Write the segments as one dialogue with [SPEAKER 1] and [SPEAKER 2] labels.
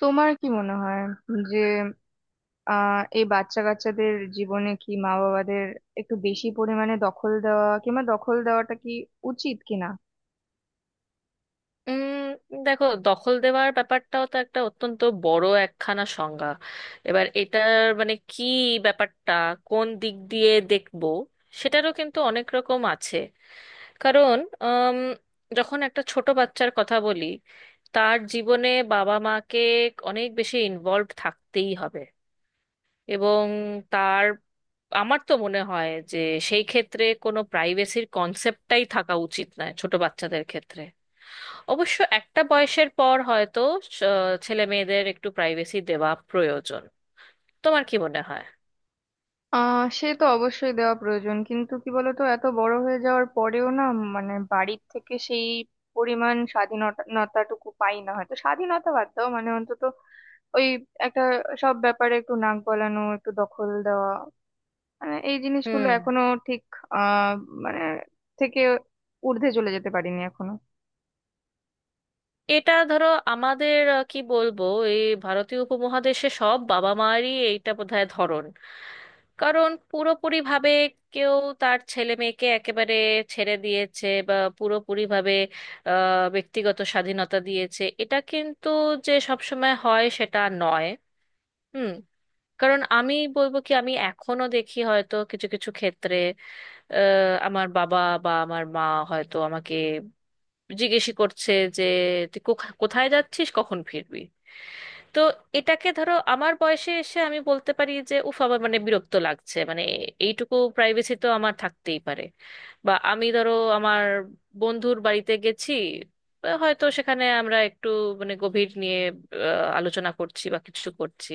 [SPEAKER 1] তোমার কি মনে হয় যে এই বাচ্চা কাচ্চাদের জীবনে কি মা বাবাদের একটু বেশি পরিমাণে দখল দেওয়া কিংবা দখল দেওয়াটা কি উচিত কিনা?
[SPEAKER 2] উম দেখো, দখল দেওয়ার ব্যাপারটাও তো একটা অত্যন্ত বড় একখানা সংজ্ঞা। এবার এটার মানে কি, ব্যাপারটা কোন দিক দিয়ে দেখবো, সেটারও কিন্তু অনেক রকম আছে। কারণ উম, যখন একটা ছোট বাচ্চার কথা বলি, তার জীবনে বাবা মাকে অনেক বেশি ইনভলভ থাকতেই হবে। এবং তার আমার তো মনে হয় যে সেই ক্ষেত্রে কোনো প্রাইভেসির কনসেপ্টটাই থাকা উচিত নয় ছোট বাচ্চাদের ক্ষেত্রে। অবশ্য একটা বয়সের পর হয়তো ছেলে মেয়েদের একটু প্রাইভেসি দেওয়া প্রয়োজন। তোমার কি মনে হয়?
[SPEAKER 1] সে তো অবশ্যই দেওয়া প্রয়োজন, কিন্তু কি বলতো, এত বড় হয়ে যাওয়ার পরেও না, মানে বাড়ির থেকে সেই পরিমাণ স্বাধীনতাটুকু পাই না, হয়তো স্বাধীনতা বাদ দাও, মানে অন্তত ওই একটা, সব ব্যাপারে একটু নাক গলানো, একটু দখল দেওয়া, মানে এই জিনিসগুলো
[SPEAKER 2] হুম।
[SPEAKER 1] এখনো ঠিক আহ মানে থেকে ঊর্ধ্বে চলে যেতে পারিনি এখনো।
[SPEAKER 2] এটা ধরো আমাদের কি বলবো, এই ভারতীয় উপমহাদেশে সব বাবা মায়েরই এইটা বোধহয় ধরন। কারণ পুরোপুরি ভাবে কেউ তার ছেলে মেয়েকে একেবারে ছেড়ে দিয়েছে বা পুরোপুরি ভাবে ব্যক্তিগত স্বাধীনতা দিয়েছে, এটা কিন্তু যে সবসময় হয় সেটা নয়। হুম। কারণ আমি বলবো কি, আমি এখনো দেখি হয়তো কিছু কিছু ক্ষেত্রে আমার বাবা বা আমার মা হয়তো আমাকে জিজ্ঞেসই করছে যে তুই কোথায় যাচ্ছিস, কখন ফিরবি। তো এটাকে ধরো আমার বয়সে এসে আমি বলতে পারি যে উফ, আমার মানে বিরক্ত লাগছে, মানে এইটুকু প্রাইভেসি তো আমার থাকতেই পারে। বা আমি ধরো আমার বন্ধুর বাড়িতে গেছি, বা হয়তো সেখানে আমরা একটু মানে গভীর নিয়ে আলোচনা করছি বা কিছু করছি,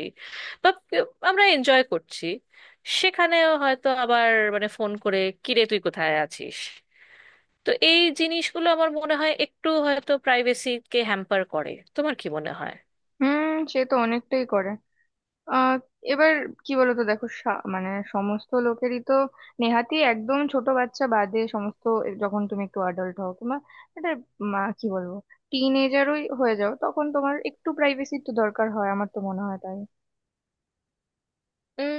[SPEAKER 2] বা আমরা এনজয় করছি, সেখানেও হয়তো আবার মানে ফোন করে কিরে তুই কোথায় আছিস। তো এই জিনিসগুলো আমার মনে হয় একটু হয়তো প্রাইভেসিকে হ্যাম্পার করে। তোমার কি মনে হয়?
[SPEAKER 1] হুম, সে তো অনেকটাই করে। আহ এবার কি বলতো, দেখো, মানে সমস্ত লোকেরই তো, নেহাতি একদম ছোট বাচ্চা বাদে সমস্ত, যখন তুমি একটু অ্যাডাল্ট হও কিংবা এটা, মা কি বলবো, টিন এজারই হয়ে যাও, তখন তোমার একটু প্রাইভেসির তো দরকার হয়, আমার তো মনে হয় তাই।
[SPEAKER 2] উম,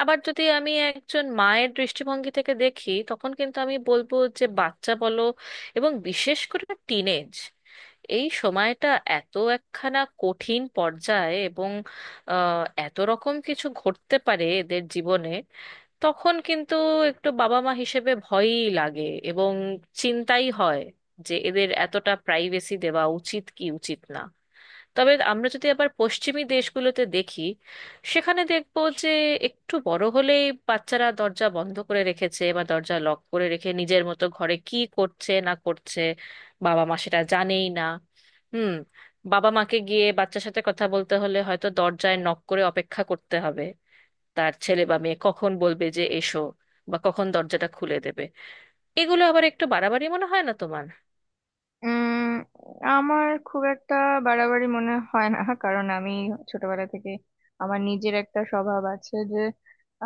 [SPEAKER 2] আবার যদি আমি একজন মায়ের দৃষ্টিভঙ্গি থেকে দেখি তখন কিন্তু আমি বলবো যে বাচ্চা বলো এবং বিশেষ করে টিনেজ, এই সময়টা এত একখানা কঠিন পর্যায়ে, এবং এত রকম কিছু ঘটতে পারে এদের জীবনে। তখন কিন্তু একটু বাবা মা হিসেবে ভয়ই লাগে এবং চিন্তাই হয় যে এদের এতটা প্রাইভেসি দেওয়া উচিত কি উচিত না। তবে আমরা যদি আবার পশ্চিমী দেশগুলোতে দেখি, সেখানে দেখব যে একটু বড় হলেই বাচ্চারা দরজা বন্ধ করে রেখেছে বা দরজা লক করে রেখে নিজের মতো ঘরে কি করছে না করছে, বাবা মা সেটা জানেই না। হুম। বাবা মাকে গিয়ে বাচ্চার সাথে কথা বলতে হলে হয়তো দরজায় নক করে অপেক্ষা করতে হবে তার ছেলে বা মেয়ে কখন বলবে যে এসো, বা কখন দরজাটা খুলে দেবে। এগুলো আবার একটু বাড়াবাড়ি মনে হয় না তোমার?
[SPEAKER 1] উম আমার খুব একটা বাড়াবাড়ি মনে হয় না। কারণ আমি ছোটবেলা থেকে আমার নিজের একটা স্বভাব আছে যে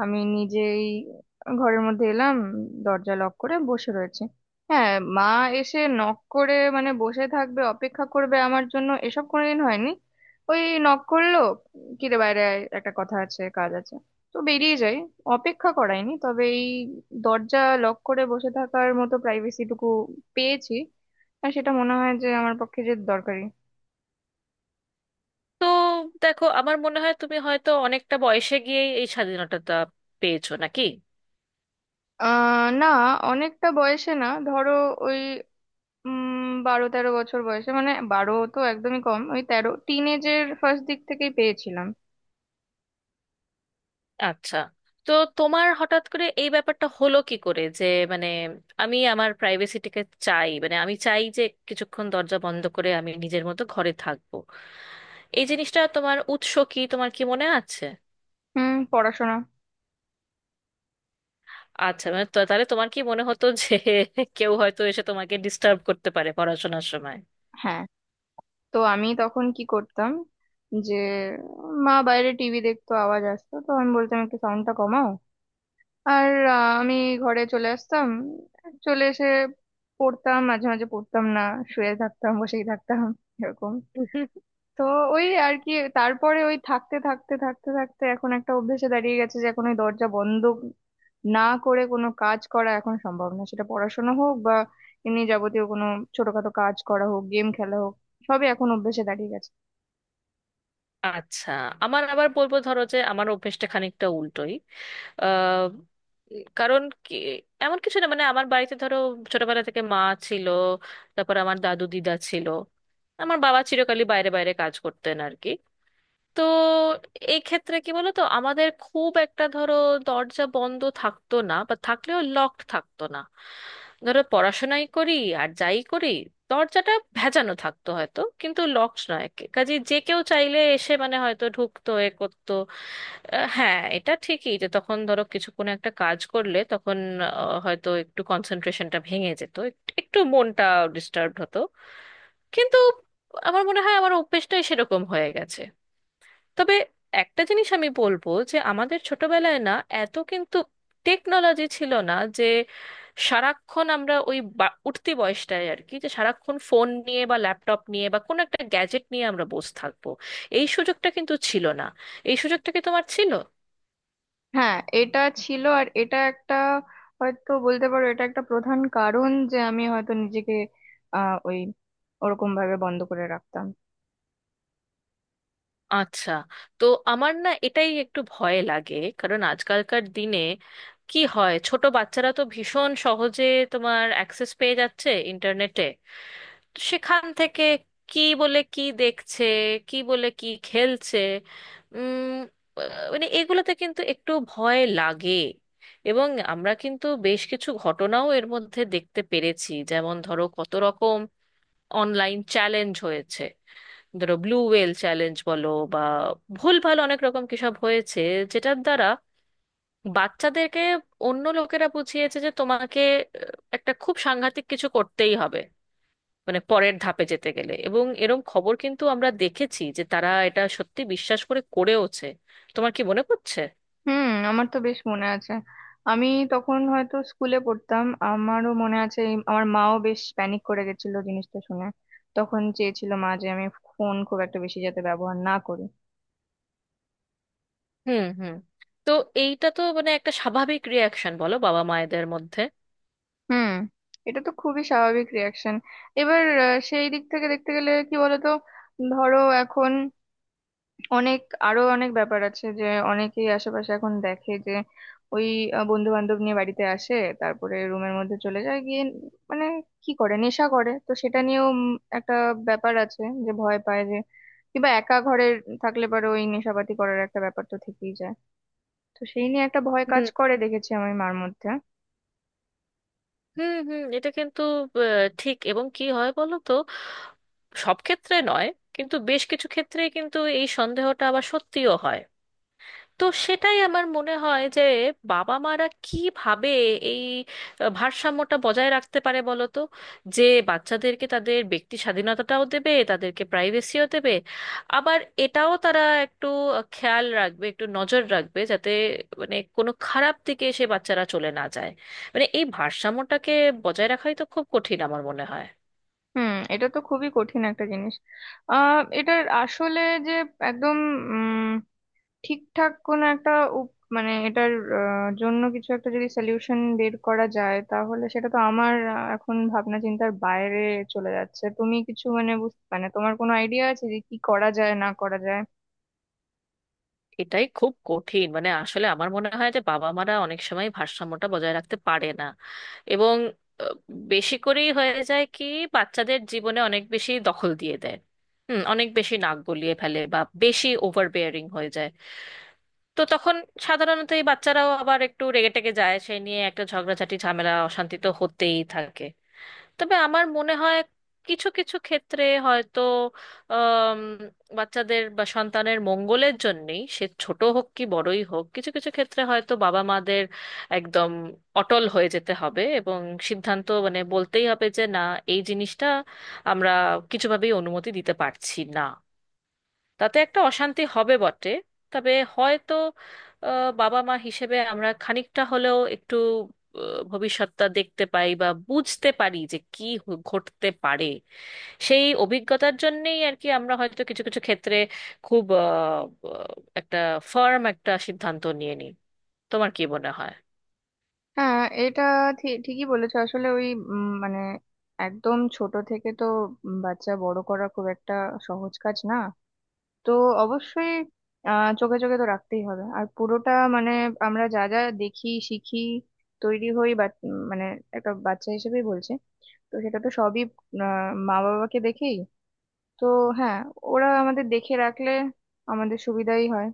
[SPEAKER 1] আমি নিজেই ঘরের মধ্যে এলাম, দরজা লক করে বসে রয়েছে। হ্যাঁ, মা এসে নক করে মানে বসে থাকবে, অপেক্ষা করবে আমার জন্য, এসব কোনোদিন হয়নি। ওই নক করলো, কি রে বাইরে আয়, একটা কথা আছে, কাজ আছে, তো বেরিয়ে যাই, অপেক্ষা করায়নি। তবে এই দরজা লক করে বসে থাকার মতো প্রাইভেসিটুকু পেয়েছি, আর সেটা মনে হয় যে আমার পক্ষে যে দরকারি।
[SPEAKER 2] তো দেখো, আমার মনে হয় তুমি হয়তো অনেকটা বয়সে গিয়েই এই স্বাধীনতাটা পেয়েছো নাকি?
[SPEAKER 1] না, অনেকটা বয়সে না, ধরো ওই, 12-13 বছর বয়সে, মানে 12 তো একদমই কম, ওই 13, টিনেজের ফার্স্ট দিক থেকেই পেয়েছিলাম।
[SPEAKER 2] আচ্ছা, তো তোমার হঠাৎ করে এই ব্যাপারটা হলো কি করে যে মানে আমি আমার প্রাইভেসিটাকে চাই, মানে আমি চাই যে কিছুক্ষণ দরজা বন্ধ করে আমি নিজের মতো ঘরে থাকবো। এই জিনিসটা তোমার উৎস কি, তোমার কি মনে আছে?
[SPEAKER 1] হুম, পড়াশোনা।
[SPEAKER 2] আচ্ছা, মানে তাহলে তোমার কি মনে হতো যে কেউ হয়তো এসে তোমাকে ডিস্টার্ব করতে পারে পড়াশোনার সময়?
[SPEAKER 1] হ্যাঁ, তো আমি তখন কি করতাম? যে মা বাইরে টিভি দেখতো, আওয়াজ আসতো, তো আমি বলতাম একটু সাউন্ডটা কমাও। আর আমি ঘরে চলে আসতাম, চলে এসে পড়তাম, মাঝে মাঝে পড়তাম না, শুয়ে থাকতাম, বসেই থাকতাম, এরকম। তো ওই আর কি, তারপরে ওই থাকতে থাকতে থাকতে থাকতে এখন একটা অভ্যেসে দাঁড়িয়ে গেছে যে এখন ওই দরজা বন্ধ না করে কোনো কাজ করা এখন সম্ভব না, সেটা পড়াশোনা হোক বা এমনি যাবতীয় কোনো ছোটখাটো কাজ করা হোক, গেম খেলা হোক, সবই এখন অভ্যেসে দাঁড়িয়ে গেছে।
[SPEAKER 2] আচ্ছা। আমার আবার বলবো ধরো যে আমার অভ্যেসটা খানিকটা উল্টোই। আহ, কারণ কি এমন কিছু না, মানে আমার বাড়িতে ধরো ছোটবেলা থেকে মা ছিল, তারপর আমার দাদু দিদা ছিল, আমার বাবা চিরকালই বাইরে বাইরে কাজ করতেন আর কি। তো এই ক্ষেত্রে কি বলতো, আমাদের খুব একটা ধরো দরজা বন্ধ থাকতো না বা থাকলেও লকড থাকতো না। ধরো পড়াশোনাই করি আর যাই করি, দরজাটা ভেজানো থাকতো হয়তো কিন্তু লকড নয়। কাজে যে কেউ চাইলে এসে মানে হয়তো ঢুকতো এ করতো। হ্যাঁ, এটা ঠিকই যে তখন ধরো কিছু কোনো একটা কাজ করলে তখন হয়তো একটু কনসেন্ট্রেশনটা ভেঙে যেত, একটু মনটা ডিস্টার্ব হতো, কিন্তু আমার মনে হয় আমার অভ্যেসটাই সেরকম হয়ে গেছে। তবে একটা জিনিস আমি বলবো যে আমাদের ছোটবেলায় না এত কিন্তু টেকনোলজি ছিল না যে সারাক্ষণ আমরা ওই উঠতি বয়সটায় আর কি, যে সারাক্ষণ ফোন নিয়ে বা ল্যাপটপ নিয়ে বা কোনো একটা গ্যাজেট নিয়ে আমরা বসে থাকবো, এই সুযোগটা কিন্তু ছিল না। এই সুযোগটা কি তোমার ছিল?
[SPEAKER 1] হ্যাঁ, এটা ছিল। আর এটা একটা, হয়তো বলতে পারো এটা একটা প্রধান কারণ যে আমি হয়তো নিজেকে ওই ওরকম ভাবে বন্ধ করে রাখতাম।
[SPEAKER 2] আচ্ছা। তো আমার না এটাই একটু ভয় লাগে, কারণ আজকালকার দিনে কি হয়, ছোট বাচ্চারা তো ভীষণ সহজে তোমার অ্যাক্সেস পেয়ে যাচ্ছে ইন্টারনেটে, তো সেখান থেকে কি বলে কি দেখছে, কি বলে কি খেলছে, উম মানে এগুলোতে কিন্তু একটু ভয় লাগে। এবং আমরা কিন্তু বেশ কিছু ঘটনাও এর মধ্যে দেখতে পেরেছি, যেমন ধরো কত রকম অনলাইন চ্যালেঞ্জ হয়েছে, ধরো ব্লু ওয়েল চ্যালেঞ্জ বলো বা ভুলভাল অনেক রকম কিসব হয়েছে, যেটার দ্বারা বাচ্চাদেরকে অন্য লোকেরা বুঝিয়েছে যে তোমাকে একটা খুব সাংঘাতিক কিছু করতেই হবে মানে পরের ধাপে যেতে গেলে, এবং এরম খবর কিন্তু আমরা দেখেছি যে তারা এটা সত্যি বিশ্বাস করে করেওছে। তোমার কি মনে পড়ছে?
[SPEAKER 1] হুম, আমার তো বেশ মনে আছে। আমি তখন হয়তো স্কুলে পড়তাম, আমারও মনে আছে আমার মাও বেশ প্যানিক করে গেছিল জিনিসটা শুনে। তখন চেয়েছিল মা যে আমি ফোন খুব একটা বেশি যাতে ব্যবহার না করি।
[SPEAKER 2] হুম, হুম। তো এইটা তো মানে একটা স্বাভাবিক রিয়াকশন বলো বাবা মায়েদের মধ্যে।
[SPEAKER 1] হুম, এটা তো খুবই স্বাভাবিক রিয়াকশন। এবার সেই দিক থেকে দেখতে গেলে কি বলতো, ধরো এখন অনেক, আরো অনেক ব্যাপার আছে যে অনেকেই আশেপাশে এখন দেখে যে ওই বন্ধু বান্ধব নিয়ে বাড়িতে আসে, তারপরে রুমের মধ্যে চলে যায় গিয়ে মানে কি করে, নেশা করে, তো সেটা নিয়েও একটা ব্যাপার আছে যে ভয় পায় যে, কিংবা একা ঘরে থাকলে পরে ওই নেশাপাতি করার একটা ব্যাপার তো থেকেই যায়। তো সেই নিয়ে একটা ভয় কাজ
[SPEAKER 2] হুম,
[SPEAKER 1] করে দেখেছি আমি মার মধ্যে।
[SPEAKER 2] হুম। হুম, এটা কিন্তু ঠিক। এবং কি হয় বলো তো, সব ক্ষেত্রে নয় কিন্তু বেশ কিছু ক্ষেত্রেই কিন্তু এই সন্দেহটা আবার সত্যিও হয়। তো সেটাই আমার মনে হয় যে বাবা মারা কিভাবে এই ভারসাম্যটা বজায় রাখতে পারে বলো তো, যে বাচ্চাদেরকে তাদের ব্যক্তি স্বাধীনতাটাও দেবে, তাদেরকে প্রাইভেসিও দেবে, আবার এটাও তারা একটু খেয়াল রাখবে, একটু নজর রাখবে যাতে মানে কোনো খারাপ দিকে সে বাচ্চারা চলে না যায়। মানে এই ভারসাম্যটাকে বজায় রাখাই তো খুব কঠিন আমার মনে হয়।
[SPEAKER 1] হুম, এটা তো খুবই কঠিন একটা জিনিস। এটার আসলে যে একদম ঠিকঠাক কোন একটা মানে এটার জন্য কিছু একটা যদি সলিউশন বের করা যায়, তাহলে সেটা তো আমার এখন ভাবনা চিন্তার বাইরে চলে যাচ্ছে। তুমি কিছু মানে মানে তোমার কোনো আইডিয়া আছে যে কি করা যায় না করা যায়?
[SPEAKER 2] এটাই খুব কঠিন, মানে আসলে আমার মনে হয় যে বাবা মারা অনেক সময় ভারসাম্যটা বজায় রাখতে পারে না, এবং আহ, বেশি করেই হয়ে যায় কি বাচ্চাদের জীবনে অনেক বেশি দখল দিয়ে দেয়, হুম, অনেক বেশি নাক গলিয়ে ফেলে বা বেশি ওভার বেয়ারিং হয়ে যায়। তো তখন সাধারণত এই বাচ্চারাও আবার একটু রেগে টেগে যায়, সেই নিয়ে একটা ঝগড়াঝাটি ঝামেলা অশান্তি তো হতেই থাকে। তবে আমার মনে হয় কিছু কিছু ক্ষেত্রে হয়তো আম, বাচ্চাদের বা সন্তানের মঙ্গলের জন্যেই, সে ছোট হোক কি বড়ই হোক, কিছু কিছু ক্ষেত্রে হয়তো বাবা মাদের একদম অটল হয়ে যেতে হবে এবং সিদ্ধান্ত মানে বলতেই হবে যে না, এই জিনিসটা আমরা কিছুভাবেই অনুমতি দিতে পারছি না। তাতে একটা অশান্তি হবে বটে, তবে হয়তো বাবা মা হিসেবে আমরা খানিকটা হলেও একটু ভবিষ্যৎটা দেখতে পাই বা বুঝতে পারি যে কি ঘটতে পারে। সেই অভিজ্ঞতার জন্যেই আর কি আমরা হয়তো কিছু কিছু ক্ষেত্রে খুব একটা ফার্ম একটা সিদ্ধান্ত নিয়ে নিই। তোমার কি মনে হয়?
[SPEAKER 1] হ্যাঁ, এটা ঠিকই বলেছো। আসলে ওই মানে একদম ছোট থেকে তো, বাচ্চা বড় করা খুব একটা সহজ কাজ না। তো অবশ্যই চোখে চোখে তো রাখতেই হবে। আর পুরোটা মানে আমরা যা যা দেখি, শিখি, তৈরি হই বা মানে একটা বাচ্চা হিসেবেই বলছে, তো সেটা তো সবই মা বাবাকে দেখেই। তো হ্যাঁ, ওরা আমাদের দেখে রাখলে আমাদের সুবিধাই হয়।